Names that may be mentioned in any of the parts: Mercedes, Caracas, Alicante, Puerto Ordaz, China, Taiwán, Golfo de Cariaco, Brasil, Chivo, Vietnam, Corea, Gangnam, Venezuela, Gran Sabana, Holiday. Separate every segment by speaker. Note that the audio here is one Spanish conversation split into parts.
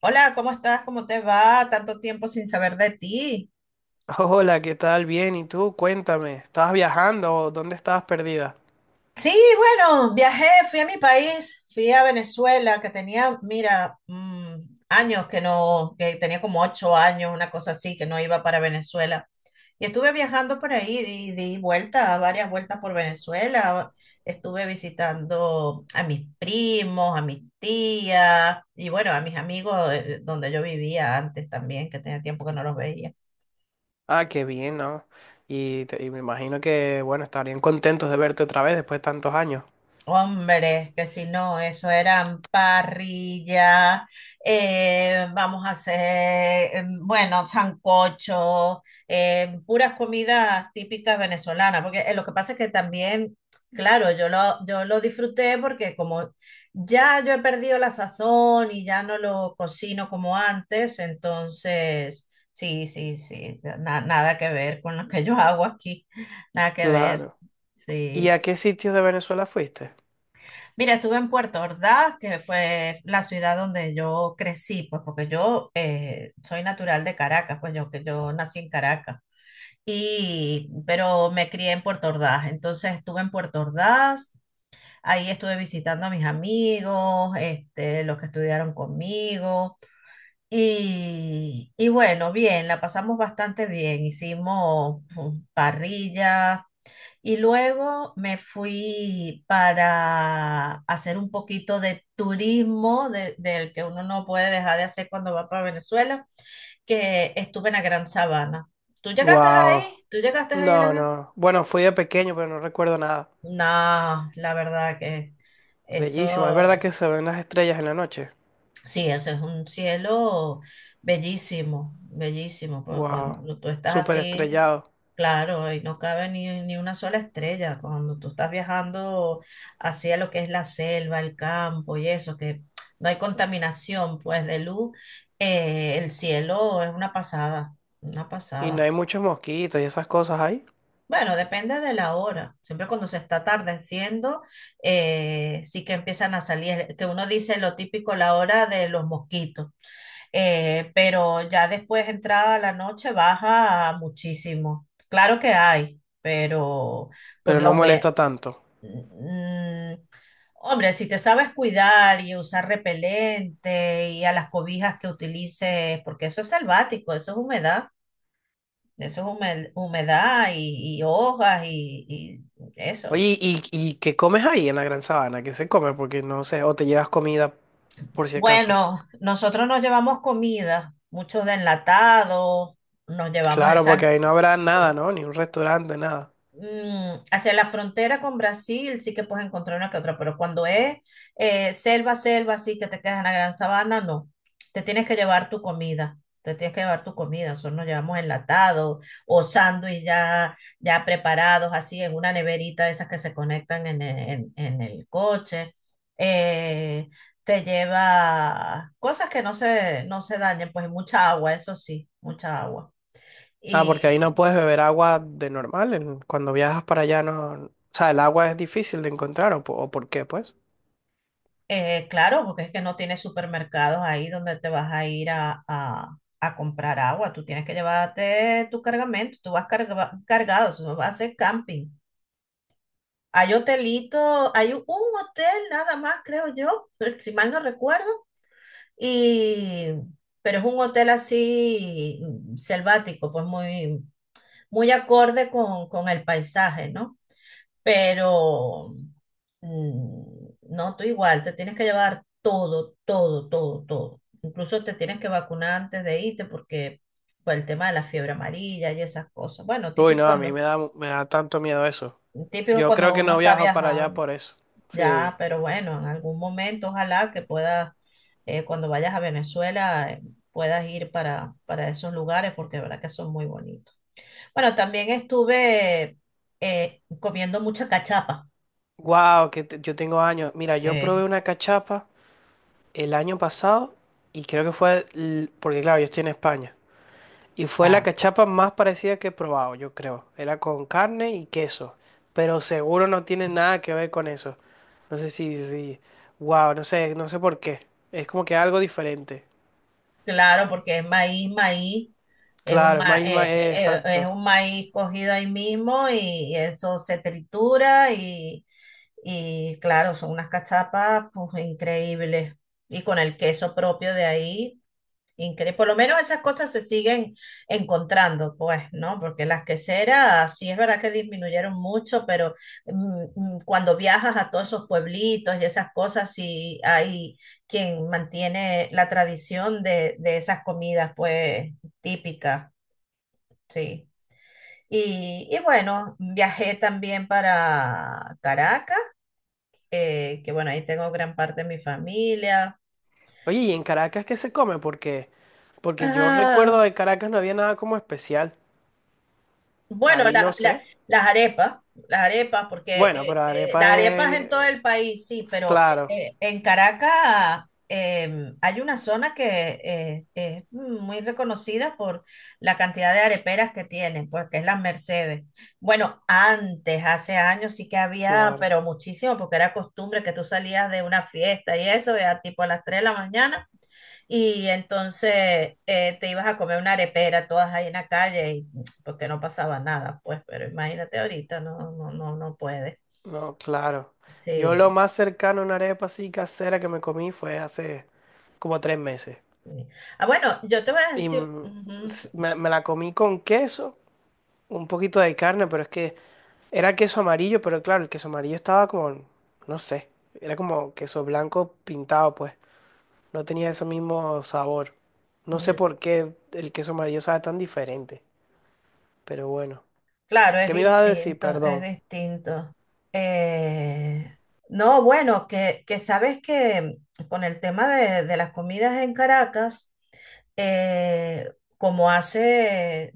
Speaker 1: Hola, ¿cómo estás? ¿Cómo te va? Tanto tiempo sin saber de ti.
Speaker 2: Hola, ¿qué tal? Bien, ¿y tú? Cuéntame, ¿estabas viajando o dónde estabas perdida?
Speaker 1: Sí, bueno, viajé, fui a mi país, fui a Venezuela, que tenía, mira, años que no, que tenía como ocho años, una cosa así, que no iba para Venezuela. Y estuve viajando por ahí, di vueltas, varias vueltas por Venezuela. Estuve visitando a mis primos, a mis tías y bueno, a mis amigos donde yo vivía antes también, que tenía tiempo que no los veía.
Speaker 2: Ah, qué bien, ¿no? Y me imagino que, bueno, estarían contentos de verte otra vez después de tantos años.
Speaker 1: Hombre, que si no, eso eran parrillas, vamos a hacer, bueno, sancocho, puras comidas típicas venezolanas, porque lo que pasa es que también, claro, yo lo disfruté porque como ya yo he perdido la sazón y ya no lo cocino como antes, entonces, sí, sí, sí, nada que ver con lo que yo hago aquí, nada que ver,
Speaker 2: Claro. ¿Y
Speaker 1: sí.
Speaker 2: a qué sitios de Venezuela fuiste?
Speaker 1: Mira, estuve en Puerto Ordaz, que fue la ciudad donde yo crecí, pues porque yo soy natural de Caracas, pues yo, que yo nací en Caracas, y, pero me crié en Puerto Ordaz, entonces estuve en Puerto Ordaz, ahí estuve visitando a mis amigos, este, los que estudiaron conmigo, y bueno, bien, la pasamos bastante bien, hicimos parrillas, y luego me fui para hacer un poquito de turismo del que uno no puede dejar de hacer cuando va para Venezuela, que estuve en la Gran Sabana. ¿Tú llegaste
Speaker 2: Wow.
Speaker 1: ahí? ¿Tú llegaste ahí a la
Speaker 2: No,
Speaker 1: Gran?
Speaker 2: no. Bueno, fui de pequeño, pero no recuerdo nada.
Speaker 1: No, la verdad que
Speaker 2: Bellísimo. Es verdad
Speaker 1: eso.
Speaker 2: que se ven las estrellas en la noche.
Speaker 1: Sí, eso es un cielo bellísimo, bellísimo, porque
Speaker 2: Wow.
Speaker 1: cuando tú estás
Speaker 2: Súper
Speaker 1: así,
Speaker 2: estrellado.
Speaker 1: claro, ahí no cabe ni una sola estrella, cuando tú estás viajando hacia lo que es la selva, el campo y eso, que no hay contaminación, pues de luz, el cielo es una pasada, una
Speaker 2: Y no
Speaker 1: pasada.
Speaker 2: hay muchos mosquitos y esas cosas ahí,
Speaker 1: Bueno, depende de la hora. Siempre cuando se está atardeciendo, sí que empiezan a salir, que uno dice lo típico, la hora de los mosquitos. Pero ya después, entrada la noche, baja muchísimo. Claro que hay, pero por
Speaker 2: pero
Speaker 1: la
Speaker 2: no molesta
Speaker 1: humedad.
Speaker 2: tanto.
Speaker 1: Mm, mm, hombre, si te sabes cuidar y usar repelente y a las cobijas que utilices, porque eso es selvático, eso es humedad, eso es humedad y hojas y eso.
Speaker 2: Oye, ¿y qué comes ahí en la Gran Sabana? ¿Qué se come? Porque no sé, o te llevas comida por si acaso.
Speaker 1: Bueno, nosotros nos llevamos comida, muchos de enlatados, nos llevamos
Speaker 2: Claro, porque
Speaker 1: esa.
Speaker 2: ahí no habrá nada, ¿no? Ni un restaurante, nada.
Speaker 1: Hacia la frontera con Brasil sí que puedes encontrar una que otra, pero cuando es selva, selva, así que te quedas en la Gran Sabana, no. Te tienes que llevar tu comida. Te tienes que llevar tu comida. Nosotros nos llevamos enlatado o sándwich ya, ya preparados, así en una neverita de esas que se conectan en, en el coche. Eh, Te lleva cosas que no se dañen, pues mucha agua, eso sí, mucha agua.
Speaker 2: Ah, porque ahí no puedes beber agua de normal. Cuando viajas para allá no. O sea, el agua es difícil de encontrar, ¿o por qué, pues?
Speaker 1: Claro, porque es que no tienes supermercados ahí donde te vas a ir a, a comprar agua. Tú tienes que llevarte tu cargamento, tú vas cargado, eso no va a ser camping. Hay hotelito, hay un hotel nada más, creo yo, si mal no recuerdo, y, pero es un hotel así selvático, pues muy, muy acorde con el paisaje, ¿no? Pero no, tú igual, te tienes que llevar todo, todo, todo, todo. Incluso te tienes que vacunar antes de irte porque por el tema de la fiebre amarilla y esas cosas. Bueno,
Speaker 2: Uy, no, a mí me da tanto miedo eso.
Speaker 1: típico
Speaker 2: Yo creo
Speaker 1: cuando
Speaker 2: que
Speaker 1: uno
Speaker 2: no
Speaker 1: está
Speaker 2: viajo para allá
Speaker 1: viajando,
Speaker 2: por eso.
Speaker 1: ya,
Speaker 2: Sí.
Speaker 1: pero bueno, en algún momento ojalá que puedas, cuando vayas a Venezuela, puedas ir para esos lugares porque de verdad que son muy bonitos. Bueno, también estuve comiendo mucha cachapa.
Speaker 2: Wow, yo tengo años. Mira, yo probé
Speaker 1: Sí,
Speaker 2: una cachapa el año pasado y creo que fue... Porque claro, yo estoy en España. Y fue la
Speaker 1: claro.
Speaker 2: cachapa más parecida que he probado, yo creo. Era con carne y queso, pero seguro no tiene nada que ver con eso. No sé si, si, wow, no sé por qué. Es como que algo diferente.
Speaker 1: Claro, porque es maíz, maíz, es un,
Speaker 2: Claro, es maíz,
Speaker 1: es
Speaker 2: exacto.
Speaker 1: un maíz cogido ahí mismo y, eso se tritura y claro, son unas cachapas pues increíbles. Y con el queso propio de ahí. Increíble. Por lo menos esas cosas se siguen encontrando, pues, ¿no? Porque las queseras sí es verdad que disminuyeron mucho, pero mm, cuando viajas a todos esos pueblitos y esas cosas, sí hay quien mantiene la tradición de esas comidas, pues, típicas, sí. Y bueno, viajé también para Caracas, que bueno, ahí tengo gran parte de mi familia.
Speaker 2: Oye, ¿y en Caracas qué se come? Porque yo recuerdo de Caracas no había nada como especial.
Speaker 1: Bueno,
Speaker 2: Ahí no sé.
Speaker 1: las arepas, porque
Speaker 2: Bueno, pero
Speaker 1: las
Speaker 2: arepa
Speaker 1: arepas
Speaker 2: es,
Speaker 1: en todo el país, sí, pero
Speaker 2: claro,
Speaker 1: en Caracas hay una zona que es muy reconocida por la cantidad de areperas que tienen, pues que es las Mercedes. Bueno, antes, hace años sí que había,
Speaker 2: claro.
Speaker 1: pero muchísimo, porque era costumbre que tú salías de una fiesta y eso, ya tipo a las 3 de la mañana. Y entonces te ibas a comer una arepera todas ahí en la calle y porque no pasaba nada, pues, pero imagínate ahorita, no, no, no, no puede.
Speaker 2: No, claro. Yo lo
Speaker 1: Sí.
Speaker 2: más cercano a una arepa así casera que me comí fue hace como tres meses.
Speaker 1: Sí. Ah, bueno, yo te voy a
Speaker 2: Y
Speaker 1: decir, ujú, pues,
Speaker 2: me la comí con queso, un poquito de carne, pero es que era queso amarillo, pero claro, el queso amarillo estaba como, no sé, era como queso blanco pintado, pues. No tenía ese mismo sabor. No sé
Speaker 1: mm,
Speaker 2: por qué el queso amarillo sabe tan diferente, pero bueno.
Speaker 1: claro, es
Speaker 2: ¿Qué me ibas a decir?
Speaker 1: distinto, es
Speaker 2: Perdón.
Speaker 1: distinto. Eh, no, bueno, que sabes que con el tema de las comidas en Caracas, eh, como hace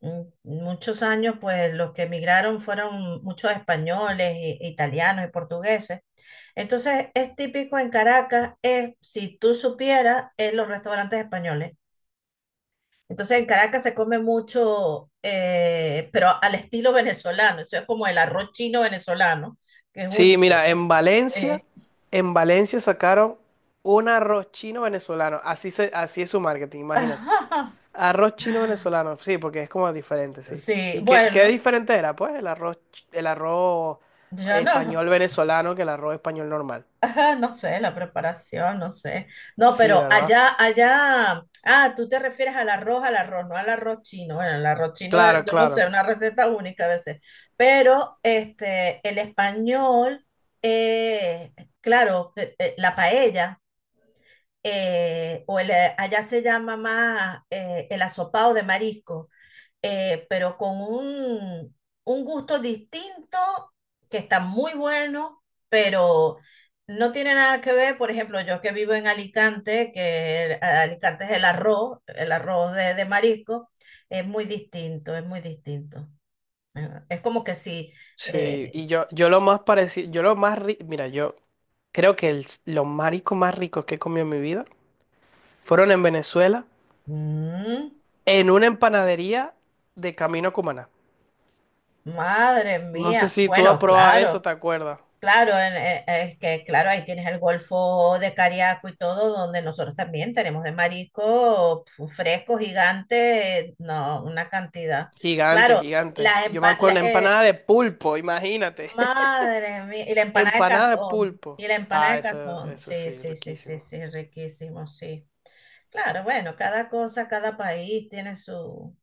Speaker 1: muchos años, pues los que emigraron fueron muchos españoles, italianos y portugueses. Entonces, es típico en Caracas, es, si tú supieras, en los restaurantes españoles. Entonces, en Caracas se come mucho, pero al estilo venezolano. Eso es como el arroz chino venezolano, que es
Speaker 2: Sí,
Speaker 1: único.
Speaker 2: mira,
Speaker 1: Eh,
Speaker 2: en Valencia sacaron un arroz chino venezolano. Así es su marketing, imagínate. Arroz chino venezolano, sí, porque es como diferente, sí.
Speaker 1: Sí,
Speaker 2: ¿Qué
Speaker 1: bueno,
Speaker 2: diferente era? Pues el arroz, el arroz
Speaker 1: yo no.
Speaker 2: español venezolano que el arroz español normal.
Speaker 1: Ajá, no sé, la preparación, no sé. No,
Speaker 2: Sí,
Speaker 1: pero
Speaker 2: ¿verdad?
Speaker 1: allá, allá, ah, tú te refieres al arroz, no al arroz chino. Bueno, el arroz chino,
Speaker 2: Claro,
Speaker 1: yo no sé,
Speaker 2: claro.
Speaker 1: una receta única a veces. Pero este, el español, eh, claro, la paella, o el, allá se llama más el asopado de marisco. Pero con un gusto distinto que está muy bueno, pero no tiene nada que ver, por ejemplo, yo que vivo en Alicante, que Alicante es el arroz de marisco, es muy distinto, es muy distinto. Es como que si,
Speaker 2: Sí,
Speaker 1: eh,
Speaker 2: yo lo más rico, mira, yo creo que los mariscos más ricos que he comido en mi vida fueron en Venezuela,
Speaker 1: mm,
Speaker 2: en una empanadería de Camino a Cumaná.
Speaker 1: madre
Speaker 2: No sé
Speaker 1: mía,
Speaker 2: si tú has
Speaker 1: bueno,
Speaker 2: probado eso,
Speaker 1: claro.
Speaker 2: ¿te acuerdas?
Speaker 1: Claro, es que claro, ahí tienes el Golfo de Cariaco y todo, donde nosotros también tenemos de marisco pf, fresco, gigante, no, una cantidad.
Speaker 2: Gigante,
Speaker 1: Claro,
Speaker 2: gigante.
Speaker 1: las
Speaker 2: Yo me
Speaker 1: empa- la-
Speaker 2: acuerdo,
Speaker 1: eh,
Speaker 2: empanada de pulpo, imagínate.
Speaker 1: madre mía, y la empanada de
Speaker 2: Empanada de
Speaker 1: cazón,
Speaker 2: pulpo.
Speaker 1: y la empanada
Speaker 2: Ah,
Speaker 1: de
Speaker 2: eso,
Speaker 1: cazón,
Speaker 2: eso
Speaker 1: sí,
Speaker 2: sí,
Speaker 1: sí, sí, sí,
Speaker 2: riquísimo.
Speaker 1: sí, riquísimo, sí. Claro, bueno, cada cosa, cada país tiene su,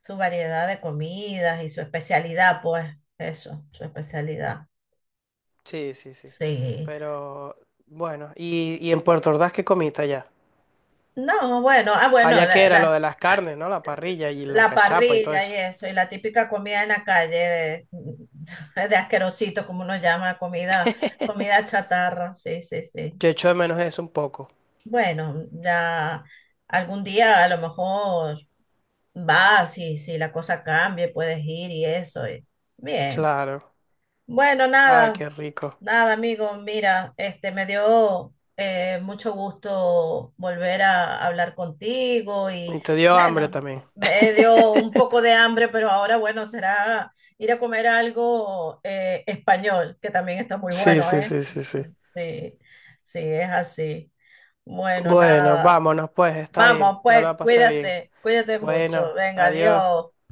Speaker 1: su variedad de comidas y su especialidad, pues, eso, su especialidad.
Speaker 2: Sí, sí, sí.
Speaker 1: Sí.
Speaker 2: Pero, bueno, ¿y en Puerto Ordaz qué comiste allá?
Speaker 1: No, bueno, ah, bueno,
Speaker 2: Allá que
Speaker 1: la,
Speaker 2: era lo
Speaker 1: la,
Speaker 2: de las
Speaker 1: ah,
Speaker 2: carnes, ¿no? La parrilla y la
Speaker 1: la
Speaker 2: cachapa y todo
Speaker 1: parrilla y
Speaker 2: eso.
Speaker 1: eso, y la típica comida en la calle de, de asquerosito, como uno llama, comida, comida chatarra, sí, sí, sí.
Speaker 2: Yo echo de menos eso un poco.
Speaker 1: Bueno, ya algún día a lo mejor vas y si la cosa cambia, puedes ir y eso. Bien.
Speaker 2: Claro.
Speaker 1: Bueno,
Speaker 2: Ay,
Speaker 1: nada,
Speaker 2: qué rico.
Speaker 1: nada, amigo. Mira, este me dio mucho gusto volver a hablar contigo y
Speaker 2: Y te dio hambre
Speaker 1: bueno,
Speaker 2: también.
Speaker 1: me dio un poco de hambre, pero ahora bueno, será ir a comer algo español, que también está muy
Speaker 2: Sí,
Speaker 1: bueno,
Speaker 2: sí,
Speaker 1: ¿eh?
Speaker 2: sí, sí, sí.
Speaker 1: Sí, sí, es así. Bueno,
Speaker 2: Bueno,
Speaker 1: nada.
Speaker 2: vámonos pues, está bien.
Speaker 1: Vamos,
Speaker 2: Yo
Speaker 1: pues,
Speaker 2: la pasé bien.
Speaker 1: cuídate, cuídate mucho.
Speaker 2: Bueno,
Speaker 1: Venga,
Speaker 2: adiós.
Speaker 1: adiós.